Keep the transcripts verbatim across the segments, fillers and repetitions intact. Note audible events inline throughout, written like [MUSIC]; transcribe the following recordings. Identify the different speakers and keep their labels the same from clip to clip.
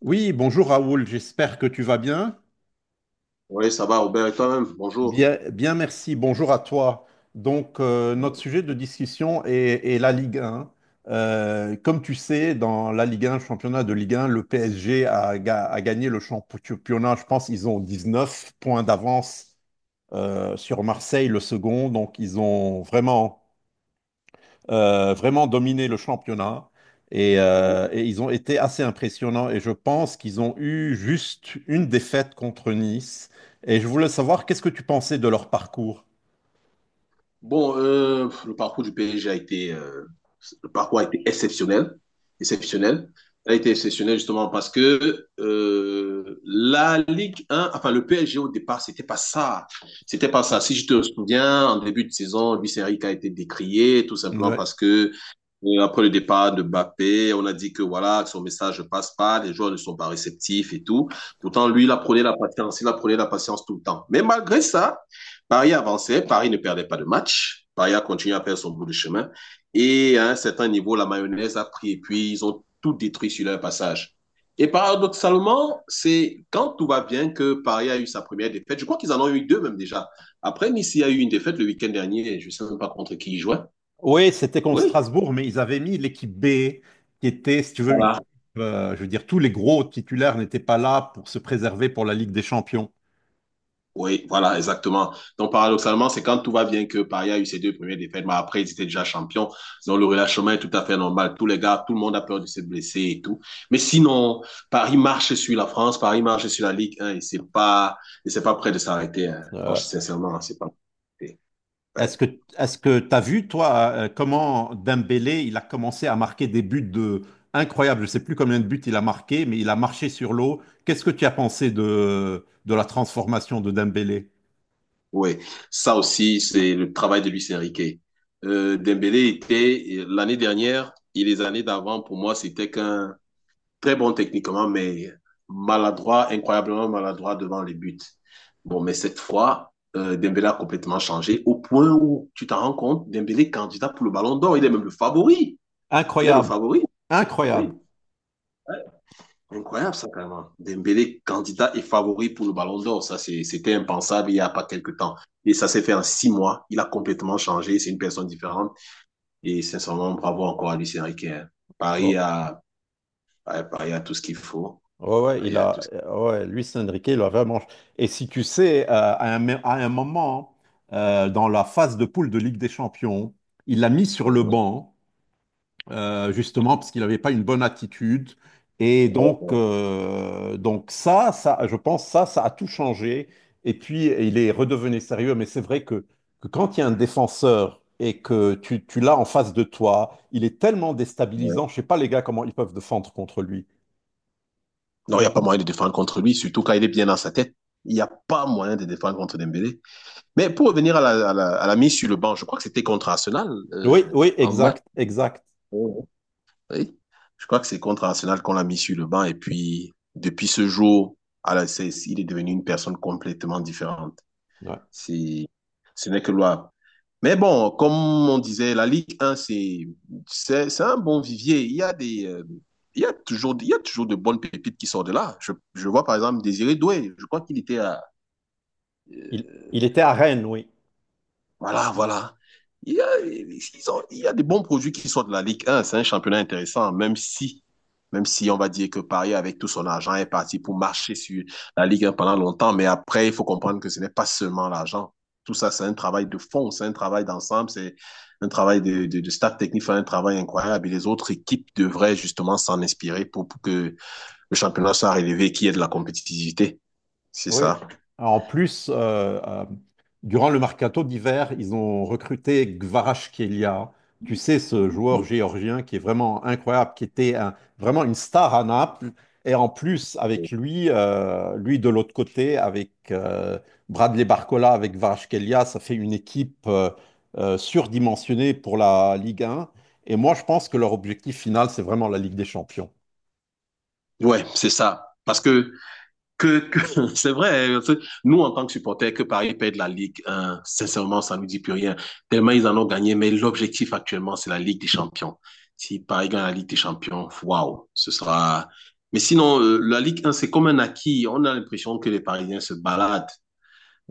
Speaker 1: Oui, bonjour Raoul, j'espère que tu vas bien.
Speaker 2: Oui, ça va, Robert, et toi-même, bonjour.
Speaker 1: Bien, bien, merci, bonjour à toi. Donc, euh, notre
Speaker 2: Ouais.
Speaker 1: sujet de discussion est, est la Ligue un. Euh, comme tu sais, dans la Ligue un, championnat de Ligue un, le P S G a, ga- a gagné le championnat. Je pense qu'ils ont dix neuf points d'avance euh, sur Marseille, le second. Donc, ils ont vraiment euh, vraiment dominé le championnat. Et, euh,
Speaker 2: Ouais.
Speaker 1: et ils ont été assez impressionnants. Et je pense qu'ils ont eu juste une défaite contre Nice. Et je voulais savoir, qu'est-ce que tu pensais de leur parcours?
Speaker 2: Bon, euh, le parcours du P S G a été, euh, le parcours a été exceptionnel, exceptionnel. Il a été exceptionnel justement parce que euh, la Ligue un, enfin le P S G au départ, c'était pas ça, c'était pas ça. Si je te souviens, en début de saison, Luis Enrique a été décrié tout simplement
Speaker 1: Ouais.
Speaker 2: parce que. Et après le départ de Mbappé, on a dit que voilà, que son message ne passe pas, les joueurs ne sont pas réceptifs et tout. Pourtant, lui, il apprenait la patience, il apprenait la patience tout le temps. Mais malgré ça, Paris avançait, Paris ne perdait pas de match. Paris a continué à faire son bout de chemin. Et à un certain niveau, la mayonnaise a pris et puis ils ont tout détruit sur leur passage. Et paradoxalement, c'est quand tout va bien que Paris a eu sa première défaite. Je crois qu'ils en ont eu deux même déjà. Après, Nice a eu une défaite le week-end dernier. Je ne sais même pas contre qui ils jouaient.
Speaker 1: Oui, c'était contre
Speaker 2: Oui,
Speaker 1: Strasbourg, mais ils avaient mis l'équipe B, qui était, si tu veux, une équipe, euh, je veux dire, tous les gros titulaires n'étaient pas là pour se préserver pour la Ligue des Champions.
Speaker 2: Oui, voilà, exactement. Donc, paradoxalement, c'est quand tout va bien que Paris a eu ses deux premières défaites, mais après, ils étaient déjà champions. Donc, le relâchement est tout à fait normal. Tous les gars, tout le monde a peur de se blesser et tout. Mais sinon, Paris marche sur la France, Paris marche sur la Ligue un et c'est pas, et c'est pas prêt de s'arrêter. Hein. Donc,
Speaker 1: Euh,
Speaker 2: sincèrement, c'est pas prêt. Ouais.
Speaker 1: Est-ce que est-ce que t'as vu toi euh, comment Dembélé il a commencé à marquer des buts de incroyables. Je sais plus combien de buts il a marqué, mais il a marché sur l'eau. Qu'est-ce que tu as pensé de de la transformation de Dembélé?
Speaker 2: Oui, ça aussi, c'est le travail de Luis Enrique. Euh, Dembélé était, l'année dernière et les années d'avant, pour moi, c'était qu'un très bon techniquement, mais maladroit, incroyablement maladroit devant les buts. Bon, mais cette fois, euh, Dembélé a complètement changé au point où tu t'en rends compte, Dembélé candidat pour le Ballon d'Or, il est même le favori. Il est le
Speaker 1: Incroyable,
Speaker 2: favori.
Speaker 1: incroyable.
Speaker 2: Oui, ouais. incroyable ça quand même. Dembélé candidat et favori pour le Ballon d'Or, ça c'est, c'était impensable il n'y a pas quelque temps. Et ça s'est fait en six mois. Il a complètement changé. C'est une personne différente. Et sincèrement, bravo encore à Lucien Riquet. Paris
Speaker 1: Oh,
Speaker 2: a, Paris a tout ce qu'il faut.
Speaker 1: ouais, ouais,
Speaker 2: Il
Speaker 1: il
Speaker 2: y a tout
Speaker 1: a,
Speaker 2: ce qu'il
Speaker 1: ouais, Luis Enrique, il a vraiment. Et si tu sais, euh, à un, à un moment, euh, dans la phase de poule de Ligue des Champions, il l'a mis sur
Speaker 2: faut.
Speaker 1: le
Speaker 2: Ouais,
Speaker 1: banc. euh, justement parce qu'il n'avait pas une bonne attitude. Et
Speaker 2: ouais,
Speaker 1: donc,
Speaker 2: ouais.
Speaker 1: euh, donc ça, ça, je pense ça, ça a tout changé. Et puis, il est redevenu sérieux. Mais c'est vrai que, que quand il y a un défenseur et que tu, tu l'as en face de toi, il est tellement
Speaker 2: Ouais.
Speaker 1: déstabilisant. Je sais pas les gars comment ils peuvent défendre contre lui.
Speaker 2: Non, il n'y a pas moyen de défendre contre lui, surtout quand il est bien dans sa tête. Il n'y a pas moyen de défendre contre Dembélé. Mais pour revenir à la, à la, à la mise sur le banc, je crois que c'était contre Arsenal euh,
Speaker 1: Oui, oui,
Speaker 2: en match.
Speaker 1: exact, exact.
Speaker 2: Euh, Oui. Je crois que c'est contre Arsenal qu'on l'a mis sur le banc. Et puis, depuis ce jour, à la, est, il est devenu une personne complètement différente.
Speaker 1: Ouais.
Speaker 2: C'est, Ce n'est que loi. Mais bon, comme on disait, la Ligue un, c'est, c'est, c'est un bon vivier. Il y a des, euh, il y a toujours, il y a toujours de bonnes pépites qui sortent de là. Je, je vois par exemple Désiré Doué. Je crois qu'il était à,
Speaker 1: Il, il
Speaker 2: euh,
Speaker 1: était à Rennes, oui.
Speaker 2: voilà, voilà. Il y a, ils ont- il y a des bons produits qui sortent de la Ligue un. C'est un championnat intéressant, même si, même si on va dire que Paris, avec tout son argent, est parti pour marcher sur la Ligue un pendant longtemps. Mais après, il faut comprendre que ce n'est pas seulement l'argent. Tout ça, c'est un travail de fond, c'est un travail d'ensemble, c'est un travail de, de, de staff technique, c'est un travail incroyable. Et les autres équipes devraient justement s'en inspirer pour, pour que le championnat soit relevé, qu'il y ait de la compétitivité. C'est
Speaker 1: Oui.
Speaker 2: ça.
Speaker 1: En plus, euh, euh, Durant le mercato d'hiver, ils ont recruté Kvaratskhelia. Tu sais, ce joueur géorgien qui est vraiment incroyable, qui était un- vraiment une star à Naples. Et en plus, avec lui, euh, lui de l'autre côté, avec euh, Bradley Barcola, avec Kvaratskhelia, ça fait une équipe euh, euh, surdimensionnée pour la Ligue un. Et moi, je pense que leur objectif final, c'est vraiment la Ligue des Champions.
Speaker 2: Ouais, c'est ça. Parce que que, que [LAUGHS] c'est vrai, hein, c'est- nous en tant que supporters, que Paris perd la Ligue un, sincèrement, ça ne nous dit plus rien, tellement ils en ont gagné, mais l'objectif actuellement, c'est la Ligue des Champions. Si Paris gagne la Ligue des Champions, waouh, ce sera. Mais sinon, euh, la Ligue un, c'est comme un acquis, on a l'impression que les Parisiens se baladent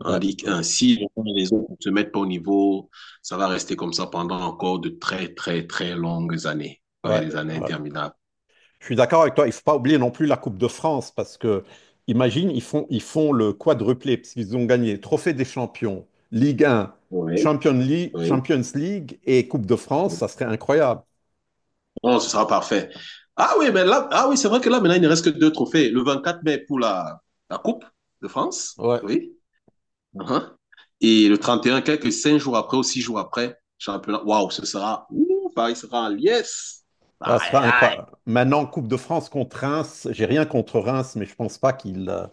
Speaker 2: en Ligue
Speaker 1: ouais,
Speaker 2: un. Si les autres ne se mettent pas au niveau, ça va rester comme ça pendant encore de très, très, très longues années, ouais,
Speaker 1: ouais,
Speaker 2: des années
Speaker 1: ouais.
Speaker 2: interminables.
Speaker 1: Je suis d'accord avec toi. Il ne faut pas oublier non plus la Coupe de France parce que, imagine, ils font, ils font le quadruplé parce qu'ils ont gagné Trophée des Champions, Ligue un,
Speaker 2: Oui,
Speaker 1: Champions League,
Speaker 2: oui.
Speaker 1: Champions League et Coupe de France. Ça serait incroyable.
Speaker 2: Oh, ce sera parfait. Ah oui, mais là, ah oui, c'est vrai que là, maintenant, il ne reste que deux trophées. Le vingt quatre mai pour la, la Coupe de France,
Speaker 1: Ouais.
Speaker 2: oui. Uhum. Et le trente et un quelques cinq jours après ou six jours après, championnat. Waouh, ce sera. Ouh, Paris sera en liesse.
Speaker 1: Ça serait
Speaker 2: Aïe, aïe.
Speaker 1: incroyable. Maintenant, Coupe de France contre Reims. J'ai rien contre Reims, mais je pense pas qu'ils euh,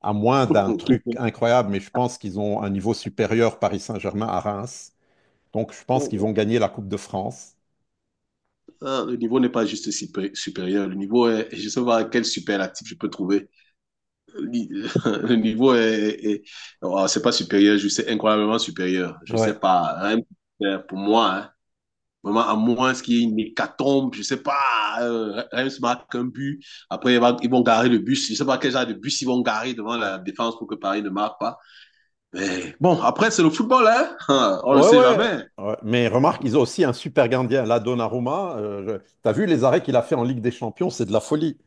Speaker 1: à moins d'un truc incroyable, mais je pense qu'ils ont un niveau supérieur Paris Saint-Germain à Reims. Donc je pense qu'ils vont
Speaker 2: [LAUGHS]
Speaker 1: gagner la Coupe de France.
Speaker 2: Ah, Le niveau n'est pas juste supé- supérieur. Le niveau est. Je ne sais pas quel superlatif je peux trouver. [LAUGHS] Le niveau est. Est- oh, c'est pas supérieur, je sais, incroyablement supérieur. Je ne sais
Speaker 1: Ouais.
Speaker 2: pas, hein, pour moi, hein. Vraiment, à moins qu'il y ait une hécatombe, je ne sais pas, euh, Reims marque un but, après ils vont, ils vont garer le bus, je ne sais pas quel genre de bus ils vont garer devant la défense pour que Paris ne marque pas. Mais bon, après c'est le football, hein, [LAUGHS] on ne
Speaker 1: Ouais,
Speaker 2: sait
Speaker 1: ouais.
Speaker 2: jamais.
Speaker 1: Ouais. Mais remarque, ils ont aussi un super gardien, là, Donnarumma. Euh, je- T'as vu les arrêts qu'il a fait en Ligue des Champions, c'est de la folie.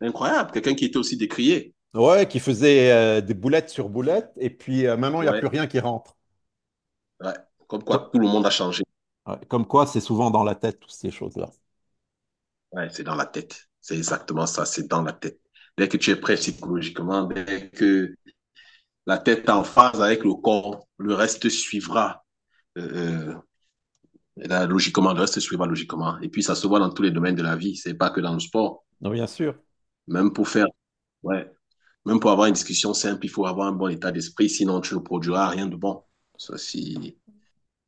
Speaker 2: Incroyable, quelqu'un qui était aussi décrié.
Speaker 1: Ouais, qui faisait euh, des boulettes sur boulettes, et puis euh, maintenant, il n'y a plus
Speaker 2: Ouais,
Speaker 1: rien qui rentre.
Speaker 2: ouais, comme quoi
Speaker 1: Co-
Speaker 2: tout le monde a changé.
Speaker 1: ouais, comme quoi, c'est souvent dans la tête, toutes ces choses-là.
Speaker 2: Ouais, c'est dans la tête, c'est exactement ça, c'est dans la tête. Dès que tu es prêt psychologiquement, dès que la tête est en phase avec le corps, le reste suivra. Euh, euh, Et là, logiquement, le reste suivra logiquement. Et puis, ça se voit dans tous les domaines de la vie. C'est pas que dans le sport.
Speaker 1: Non, bien sûr.
Speaker 2: Même pour faire, ouais, même pour avoir une discussion simple, il faut avoir un bon état d'esprit. Sinon, tu ne produiras rien de bon. Ça, c'est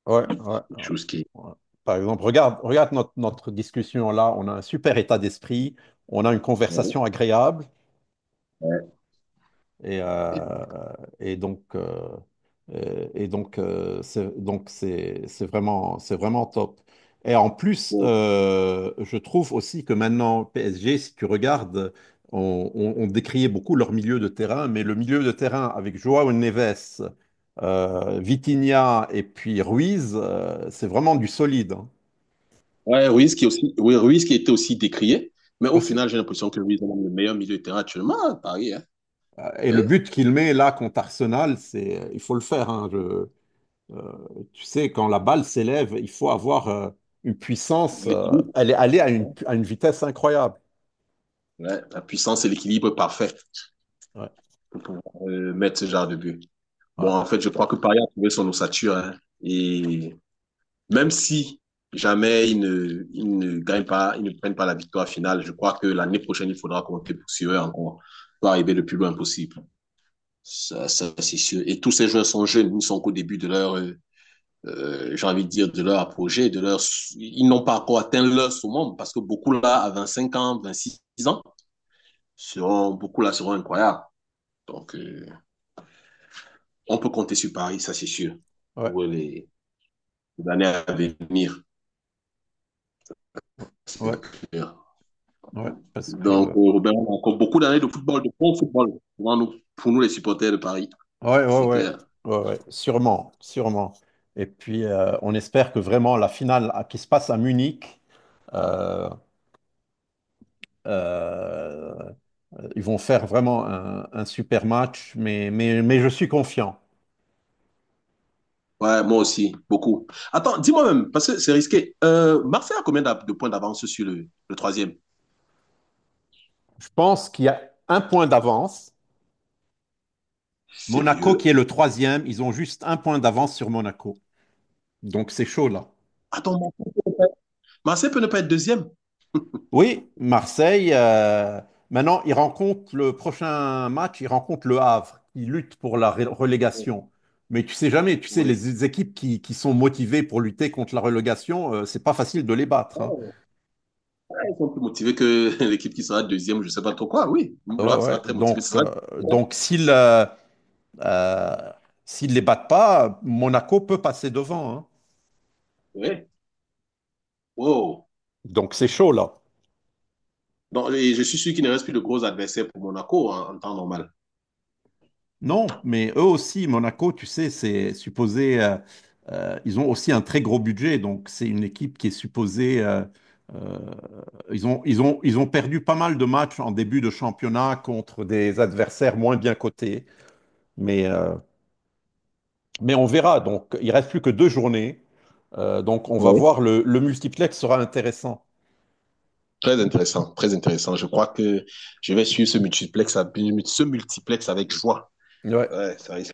Speaker 1: Ouais, ouais,
Speaker 2: quelque
Speaker 1: ouais,
Speaker 2: chose qui est.
Speaker 1: ouais. Par exemple, regarde, regarde notre, notre discussion là, on a un super état d'esprit, on a une
Speaker 2: Ouais.
Speaker 1: conversation agréable et,
Speaker 2: Et-
Speaker 1: euh, et donc euh, et, et donc euh, c'est donc c'est c'est vraiment c'est vraiment top. Et en plus, euh, je trouve aussi que maintenant P S G, si tu regardes, on, on, on décriait beaucoup leur milieu de terrain, mais le milieu de terrain avec Joao Neves, euh, Vitinha et puis Ruiz, euh, c'est vraiment du solide, hein.
Speaker 2: ouais, Ruiz qui est aussi, oui, Ruiz qui était aussi décrié. Mais au
Speaker 1: Aussi.
Speaker 2: final, j'ai l'impression que Ruiz est le meilleur milieu de terrain actuellement à Paris, hein.
Speaker 1: Euh, Et
Speaker 2: Oui,
Speaker 1: le but qu'il met là contre Arsenal, c'est, il faut le faire, hein, je- euh, Tu sais, quand la balle s'élève, il faut avoir euh, une puissance, euh,
Speaker 2: l'équilibre.
Speaker 1: elle est allée à une,
Speaker 2: Hein.
Speaker 1: à une vitesse incroyable.
Speaker 2: Ouais, la puissance et l'équilibre parfait
Speaker 1: Ouais,
Speaker 2: pour pouvoir euh, mettre ce genre de but. Bon,
Speaker 1: ouais,
Speaker 2: en fait, je crois que Paris a trouvé son ossature, hein, et même si jamais ils ne, ils ne gagnent pas, ils ne prennent pas la victoire finale, je crois que l'année prochaine, il faudra compter sur eux encore, pour arriver le plus loin possible. Ça, ça c'est sûr. Et tous ces joueurs sont jeunes, ils ne sont qu'au début de leur, euh, euh, j'ai envie de dire, de leur projet, de leur, ils n'ont pas encore atteint leur sommet parce que beaucoup là, à vingt cinq ans, vingt six ans, seront, beaucoup là seront incroyables. Donc, euh, on peut compter sur Paris, ça c'est sûr,
Speaker 1: ouais,
Speaker 2: pour les, les années à venir,
Speaker 1: ouais,
Speaker 2: c'est clair.
Speaker 1: ouais, parce
Speaker 2: Donc,
Speaker 1: que,
Speaker 2: euh, ben, on a encore beaucoup d'années de football, de bon football pour nous, pour nous, les supporters de Paris.
Speaker 1: ouais, ouais,
Speaker 2: C'est
Speaker 1: ouais,
Speaker 2: clair.
Speaker 1: ouais, ouais, sûrement, sûrement. Et puis, euh, on espère que vraiment la finale à- qui se passe à Munich, euh, euh, ils vont faire vraiment un, un super match, mais, mais, mais je suis confiant.
Speaker 2: Ouais, moi aussi, beaucoup. Attends, dis-moi même, parce que c'est risqué. Euh, Marseille a combien d'a- de points d'avance sur le, le troisième?
Speaker 1: Je pense qu'il y a un point d'avance. Monaco qui est
Speaker 2: Sérieux?
Speaker 1: le troisième, ils ont juste un point d'avance sur Monaco. Donc c'est chaud là.
Speaker 2: Attends, Mar- Marseille peut ne pas être deuxième?
Speaker 1: Oui, Marseille, euh, maintenant ils rencontrent le prochain match, ils rencontrent le Havre. Ils luttent pour la ré-
Speaker 2: Oh,
Speaker 1: relégation. Mais tu sais jamais, tu sais,
Speaker 2: oui.
Speaker 1: les équipes qui, qui sont motivées pour lutter contre la relégation, euh, c'est pas facile de les battre, hein.
Speaker 2: Oh, ouais, Ils sont plus motivés que [LAUGHS] l'équipe qui sera deuxième, je ne sais pas trop quoi. Oui,
Speaker 1: Ouais,
Speaker 2: Loire sera
Speaker 1: ouais.
Speaker 2: très motivé. Ce
Speaker 1: Donc,
Speaker 2: sera
Speaker 1: euh,
Speaker 2: difficile, hein.
Speaker 1: donc s'ils euh, euh, s'ils les battent pas, Monaco peut passer devant, hein.
Speaker 2: Oui. Wow.
Speaker 1: Donc c'est chaud là.
Speaker 2: Donc, et je suis sûr qu'il ne reste plus de gros adversaires pour Monaco en, en temps normal.
Speaker 1: Non, mais eux aussi, Monaco, tu sais, c'est supposé, euh, euh, ils ont aussi un très gros budget, donc c'est une équipe qui est supposée, euh, euh, ils ont, ils ont, ils ont perdu pas mal de matchs en début de championnat contre des adversaires moins bien cotés, mais, euh, mais on verra, donc il reste plus que deux journées. Euh, donc on va voir, le, le multiplex sera intéressant.
Speaker 2: Très intéressant, très intéressant. Je crois que je vais suivre ce multiplex, à- ce multiplex avec joie.
Speaker 1: Ouais,
Speaker 2: Ouais, ça risque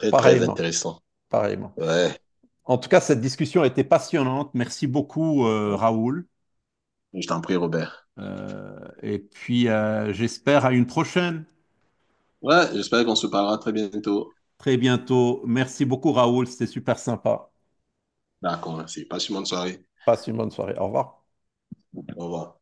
Speaker 2: d'être très, très
Speaker 1: pareillement,
Speaker 2: intéressant.
Speaker 1: pareillement.
Speaker 2: Ouais,
Speaker 1: En tout cas, cette discussion a été passionnante, merci beaucoup, euh, Raoul.
Speaker 2: je t'en prie, Robert.
Speaker 1: Euh, et puis, euh, J'espère à une prochaine,
Speaker 2: Ouais, j'espère qu'on se parlera très bientôt.
Speaker 1: très bientôt. Merci beaucoup, Raoul, c'était super sympa.
Speaker 2: D'accord, merci. Passe une bonne soirée.
Speaker 1: Passe une bonne soirée. Au revoir.
Speaker 2: Au revoir.